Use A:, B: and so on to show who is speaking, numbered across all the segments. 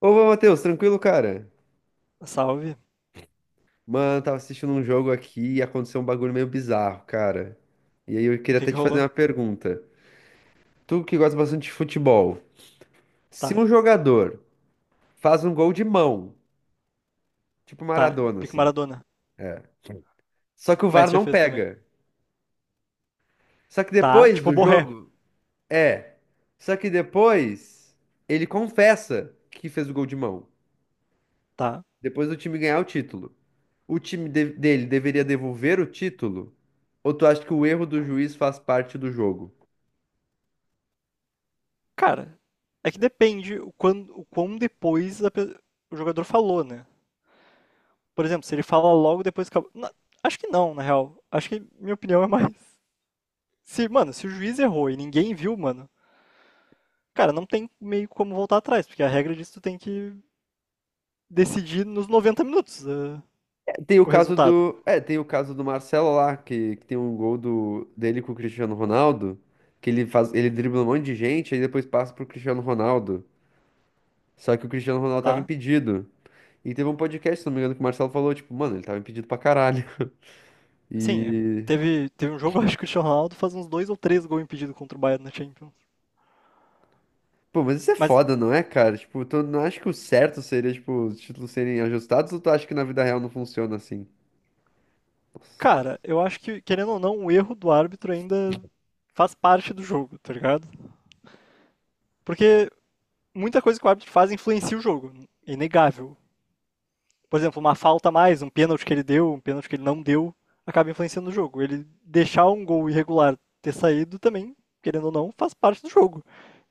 A: Ô, Matheus, tranquilo, cara?
B: Salve.
A: Mano, tava assistindo um jogo aqui e aconteceu um bagulho meio bizarro, cara. E aí eu
B: O
A: queria
B: que
A: até
B: que
A: te fazer
B: rolou?
A: uma pergunta. Tu que gosta bastante de futebol, se
B: Tá,
A: um jogador faz um gol de mão, tipo
B: tá.
A: Maradona,
B: Pico
A: assim,
B: Maradona.
A: só que o
B: O
A: VAR
B: Messi já
A: não
B: fez também.
A: pega. Só que
B: Tá,
A: depois
B: tipo
A: do
B: Borré.
A: jogo, é. Só que depois ele confessa que fez o gol de mão.
B: Tá.
A: Depois do time ganhar o título. O time dele deveria devolver o título? Ou tu acha que o erro do juiz faz parte do jogo?
B: Cara, é que depende o quão depois o jogador falou, né? Por exemplo, se ele fala logo depois que acabou. Acho que não, na real. Acho que minha opinião é mais. Se o juiz errou e ninguém viu, mano, cara, não tem meio como voltar atrás, porque a regra diz que tu tem que decidir nos 90 minutos
A: Tem o
B: o
A: caso
B: resultado,
A: do. É, tem o caso do Marcelo lá, que tem um gol do, dele com o Cristiano Ronaldo, que ele faz, ele dribla um monte de gente, aí depois passa pro Cristiano Ronaldo. Só que o Cristiano Ronaldo tava
B: tá?
A: impedido. E teve um podcast, se não me engano, que o Marcelo falou, tipo, mano, ele tava impedido pra caralho.
B: Sim, é,
A: E.
B: teve um jogo, acho que o Cristiano Ronaldo faz uns dois ou três gols impedidos contra o Bayern na Champions.
A: Pô, mas isso é
B: Mas,
A: foda, não é, cara? Tipo, tu não acha que o certo seria, tipo, os títulos serem ajustados ou tu acha que na vida real não funciona assim?
B: cara, eu acho que, querendo ou não, o erro do árbitro ainda faz parte do jogo, tá ligado? Porque muita coisa que o árbitro faz influencia o jogo, é inegável. Por exemplo, uma falta a mais, um pênalti que ele deu, um pênalti que ele não deu, acaba influenciando o jogo. Ele deixar um gol irregular ter saído também, querendo ou não, faz parte do jogo.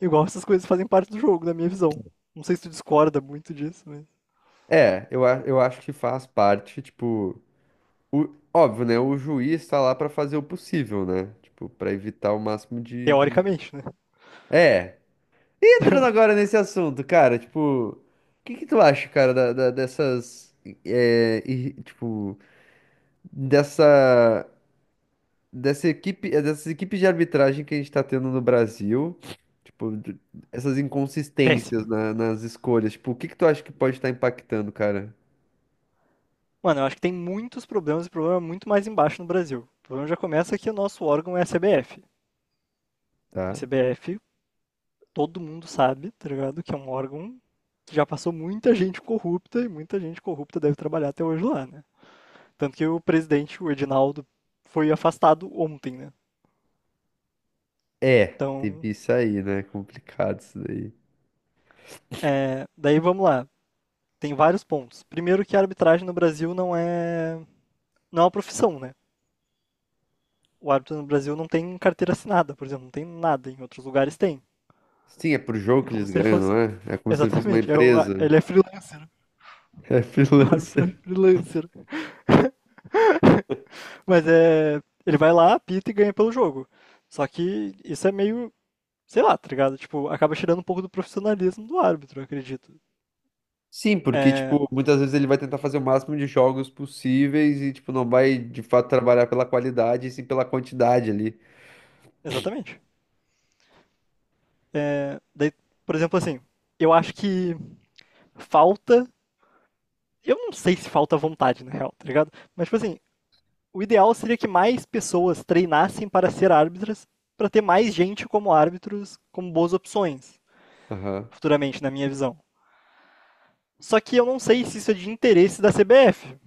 B: Igual essas coisas fazem parte do jogo, na minha visão. Não sei se tu discorda muito disso, mas
A: É, eu acho que faz parte, tipo. Óbvio, né? O juiz tá lá pra fazer o possível, né? Tipo, pra evitar o máximo de.
B: teoricamente, né?
A: É. Entrando agora nesse assunto, cara, tipo, o que que tu acha, cara, é, e, tipo, dessa, dessa equipe, é, dessas equipes de arbitragem que a gente tá tendo no Brasil, tipo, essas inconsistências
B: Péssima.
A: nas escolhas, tipo, o que que tu acha que pode estar impactando, cara?
B: Mano, eu acho que tem muitos problemas e problema muito mais embaixo no Brasil. O problema já começa que o nosso órgão é a CBF. A
A: Tá?
B: CBF, todo mundo sabe, tá ligado? Que é um órgão que já passou muita gente corrupta e muita gente corrupta deve trabalhar até hoje lá, né? Tanto que o presidente, o Edinaldo, foi afastado ontem, né?
A: É, teve
B: Então,
A: isso aí, né? Complicado isso daí.
B: é, daí vamos lá. Tem vários pontos. Primeiro que a arbitragem no Brasil não é uma profissão, né? O árbitro no Brasil não tem carteira assinada, por exemplo, não tem nada, em outros lugares tem.
A: Sim, é por jogo
B: É
A: que
B: como
A: eles
B: se ele
A: ganham,
B: fosse
A: não é? É como se ele fosse uma
B: exatamente, é o,
A: empresa.
B: ele é freelancer.
A: É
B: O árbitro é
A: freelancer.
B: freelancer. Mas é. Ele vai lá, apita e ganha pelo jogo. Só que isso é meio. Sei lá, tá ligado? Tipo, acaba tirando um pouco do profissionalismo do árbitro, eu acredito.
A: Sim, porque,
B: É.
A: tipo, muitas vezes ele vai tentar fazer o máximo de jogos possíveis e, tipo, não vai, de fato, trabalhar pela qualidade, e sim pela quantidade ali.
B: Exatamente. É, daí, por exemplo, assim, eu acho que falta. Eu não sei se falta vontade, na real, tá ligado? Mas, tipo assim, o ideal seria que mais pessoas treinassem para ser árbitras, para ter mais gente como árbitros, como boas opções,
A: Aham.
B: futuramente, na minha visão. Só que eu não sei se isso é de interesse da CBF.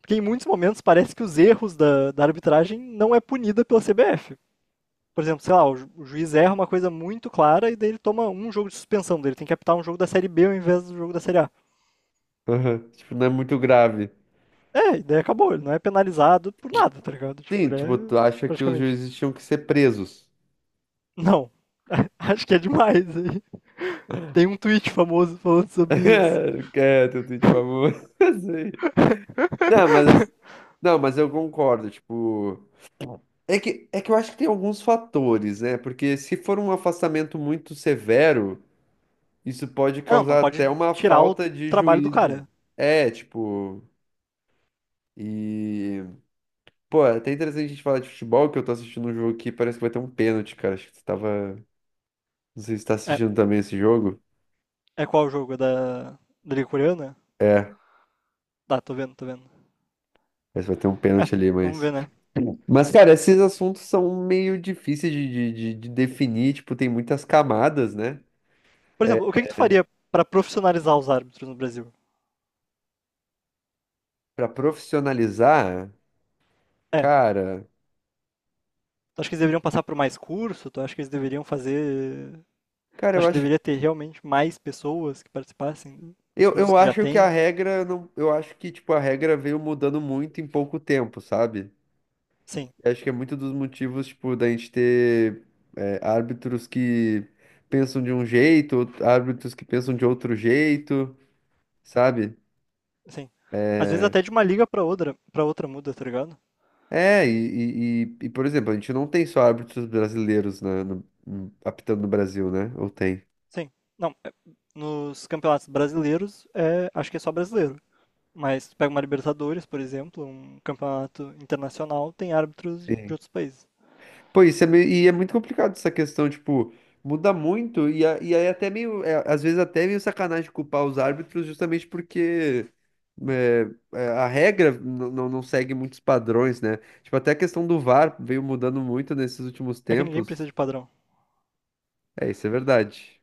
B: Porque em muitos momentos parece que os erros da arbitragem não é punida pela CBF. Por exemplo, sei lá, o juiz erra uma coisa muito clara e daí ele toma um jogo de suspensão dele. Tem que apitar um jogo da Série B ao invés do jogo da Série A.
A: Aham. Tipo, não é muito grave.
B: É, e daí acabou. Ele não é penalizado por nada, tá ligado? Tipo,
A: Sim,
B: ele
A: tipo, tu
B: é
A: acha que os
B: praticamente.
A: juízes tinham que ser presos.
B: Não. Acho que é demais aí. Tem um tweet famoso falando sobre isso.
A: Quer teu tweet famoso. Sim. Não, mas, ass- não, mas eu concordo, tipo... é que eu acho que tem alguns fatores, né? Porque se for um afastamento muito severo... Isso pode
B: Não, não
A: causar
B: pode
A: até uma
B: tirar o
A: falta de
B: trabalho do
A: juízo.
B: cara.
A: É, tipo. E. Pô, é até interessante a gente falar de futebol, que eu tô assistindo um jogo aqui, parece que vai ter um pênalti, cara. Acho que você tava. Não sei se você tá
B: É,
A: assistindo também esse jogo.
B: é qual o jogo? É da Liga Coreana?
A: É, parece
B: Tá, tô vendo, tô vendo.
A: que vai ter um
B: É,
A: pênalti ali,
B: vamos
A: mas.
B: ver, né?
A: Mas, cara, esses assuntos são meio difíceis de definir, tipo, tem muitas camadas, né?
B: Por exemplo, o que que tu faria pra profissionalizar os árbitros no Brasil?
A: Pra profissionalizar,
B: É,
A: cara.
B: tu acha que eles deveriam passar por mais curso? Tu acha que eles deveriam fazer...
A: Cara,
B: Tu
A: eu
B: acha que
A: acho.
B: deveria ter realmente mais pessoas que participassem dos
A: Eu,
B: cursos
A: eu
B: que já
A: acho que a
B: tem?
A: regra não, eu acho que tipo a regra veio mudando muito em pouco tempo, sabe?
B: Sim,
A: Eu acho que é muito dos motivos, tipo, da gente ter é, árbitros que pensam de um jeito, árbitros que pensam de outro jeito, sabe?
B: sim. Às vezes
A: É,
B: até de uma liga pra outra, para outra muda, tá ligado?
A: é, e, por exemplo, a gente não tem só árbitros brasileiros apitando no Brasil, né? Ou tem?
B: Sim. Não, é- nos campeonatos brasileiros, é, acho que é só brasileiro. Mas tu pega uma Libertadores, por exemplo, um campeonato internacional, tem árbitros de
A: Sim.
B: outros países.
A: Pô, isso é meio, e é muito complicado essa questão, tipo, muda muito, e, e aí até meio, é, às vezes até meio sacanagem culpar os árbitros justamente porque é, é, a regra não segue muitos padrões, né? Tipo, até a questão do VAR veio mudando muito nesses últimos
B: É que ninguém
A: tempos.
B: precisa de padrão.
A: É, isso é verdade.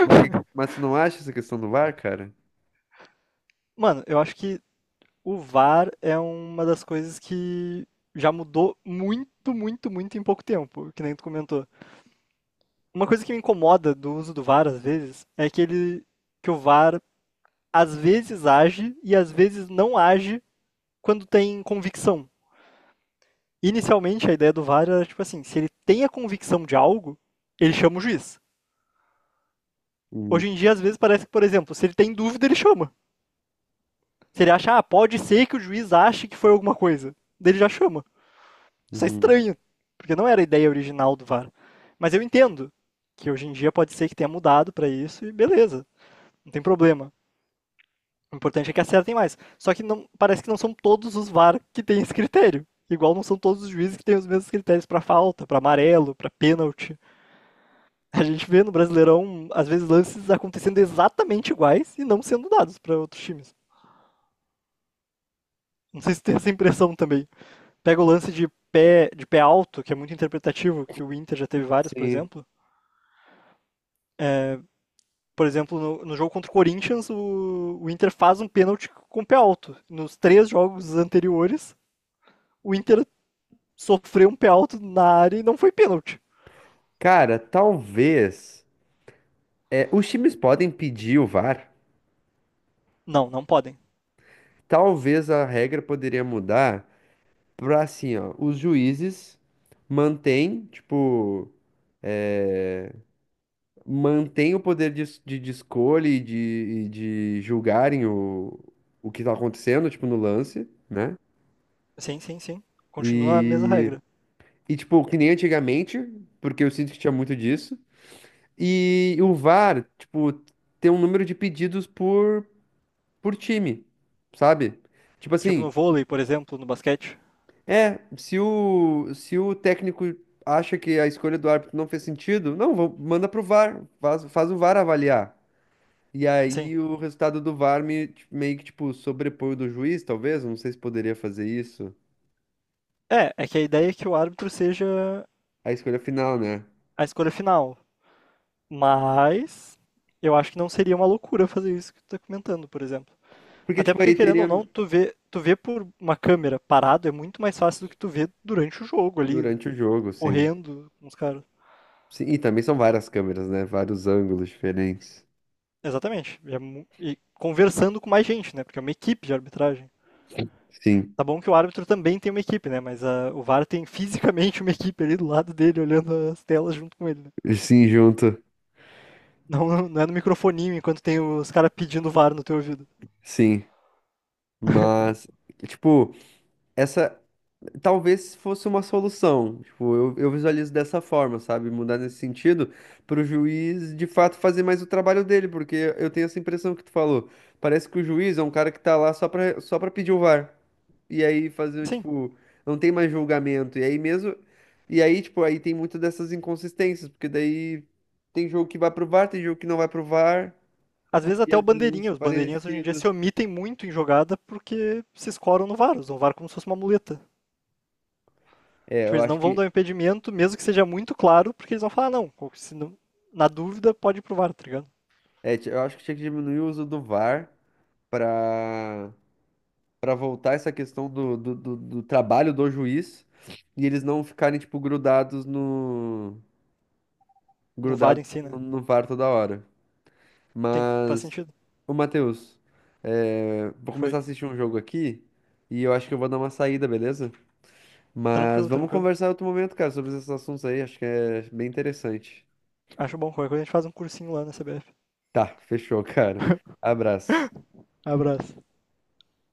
A: Mas, que, mas tu não acha essa questão do VAR, cara?
B: Mano, eu acho que o VAR é uma das coisas que já mudou muito, muito, muito em pouco tempo, que nem tu comentou. Uma coisa que me incomoda do uso do VAR às vezes é que ele, que o VAR às vezes age e às vezes não age quando tem convicção. Inicialmente a ideia do VAR era tipo assim, se ele tem a convicção de algo, ele chama o juiz.
A: Hum,
B: Hoje em dia às vezes parece que, por exemplo, se ele tem dúvida, ele chama. Se ele acha, ah, pode ser que o juiz ache que foi alguma coisa, dele já chama. Isso é
A: uhum.
B: estranho, porque não era a ideia original do VAR. Mas eu entendo que hoje em dia pode ser que tenha mudado para isso e beleza, não tem problema. O importante é que acertem mais. Só que não, parece que não são todos os VAR que têm esse critério. Igual não são todos os juízes que têm os mesmos critérios para falta, para amarelo, para pênalti. A gente vê no Brasileirão, às vezes, lances acontecendo exatamente iguais e não sendo dados para outros times. Não sei se tem essa impressão também. Pega o lance de pé alto, que é muito interpretativo, que o Inter já teve vários, por
A: Sim.
B: exemplo. Por exemplo, no jogo contra o Corinthians, o Inter faz um pênalti com o pé alto. Nos três jogos anteriores, o Inter sofreu um pé alto na área e não foi pênalti.
A: Cara, talvez. É, os times podem pedir o VAR.
B: Não, não podem.
A: Talvez a regra poderia mudar pra assim, ó, os juízes mantêm, tipo, mantêm o poder de escolha e de julgarem o que tá acontecendo, tipo, no lance, né?
B: Sim, sim, sim. Continua a mesma
A: E,
B: regra.
A: e, tipo, que nem antigamente, porque eu sinto que tinha muito disso. E o VAR, tipo, tem um número de pedidos por time, sabe? Tipo
B: Tipo no
A: assim,
B: vôlei, por exemplo, no basquete.
A: é, se o, se o técnico acha que a escolha do árbitro não fez sentido, não, manda pro VAR, faz, faz o VAR avaliar. E
B: Sim.
A: aí o resultado do VAR meio que, tipo, sobrepõe o do juiz, talvez, não sei se poderia fazer isso.
B: É, é que a ideia é que o árbitro seja
A: A escolha final, né?
B: a escolha final. Mas eu acho que não seria uma loucura fazer isso que tu tá comentando, por exemplo.
A: Porque,
B: Até
A: tipo,
B: porque,
A: aí
B: querendo
A: teria
B: ou não, tu vê por uma câmera parado é muito mais fácil do que tu vê durante o jogo ali,
A: durante o jogo, sim.
B: correndo com os caras.
A: Sim, e também são várias câmeras, né? Vários ângulos diferentes.
B: Exatamente. E, e conversando com mais gente, né? Porque é uma equipe de arbitragem.
A: Sim,
B: Tá bom que o árbitro também tem uma equipe, né? Mas ah, o VAR tem fisicamente uma equipe ali do lado dele, olhando as telas junto com ele, né?
A: sim, junto,
B: Não, não é no microfoninho enquanto tem os caras pedindo VAR no teu ouvido.
A: sim. Mas, tipo, essa, talvez fosse uma solução. Tipo, eu visualizo dessa forma, sabe? Mudar nesse sentido, para o juiz de fato fazer mais o trabalho dele, porque eu tenho essa impressão que tu falou. Parece que o juiz é um cara que tá lá só pra pedir o VAR. E aí fazer,
B: Sim.
A: tipo, não tem mais julgamento. E aí mesmo. E aí, tipo, aí tem muitas dessas inconsistências, porque daí tem jogo que vai pro VAR, tem jogo que não vai pro VAR,
B: Às vezes
A: e
B: até
A: às
B: o
A: vezes uns
B: bandeirinha. Os bandeirinhas hoje em dia
A: parecidos.
B: se omitem muito em jogada porque se escoram no VAR. Usam o VAR como se fosse uma muleta.
A: É,
B: Tipo,
A: eu
B: eles
A: acho
B: não vão
A: que.
B: dar um impedimento, mesmo que seja muito claro, porque eles vão falar, não, ou se não na dúvida, pode ir pro VAR, tá ligado?
A: É, eu acho que tinha que diminuir o uso do VAR para para voltar essa questão do trabalho do juiz e eles não ficarem, tipo,
B: No VAR
A: grudados
B: em si, né?
A: no, no VAR toda hora.
B: Tem, faz
A: Mas,
B: sentido.
A: ô Matheus, é, vou
B: Foi.
A: começar a assistir um jogo aqui e eu acho que eu vou dar uma saída, beleza? Mas
B: Tranquilo,
A: vamos
B: tranquilo.
A: conversar em outro momento, cara, sobre esses assuntos aí, acho que é bem interessante.
B: Acho bom. Qualquer coisa a gente faz um cursinho lá na CBF.
A: Tá, fechou, cara. Abraço.
B: Abraço.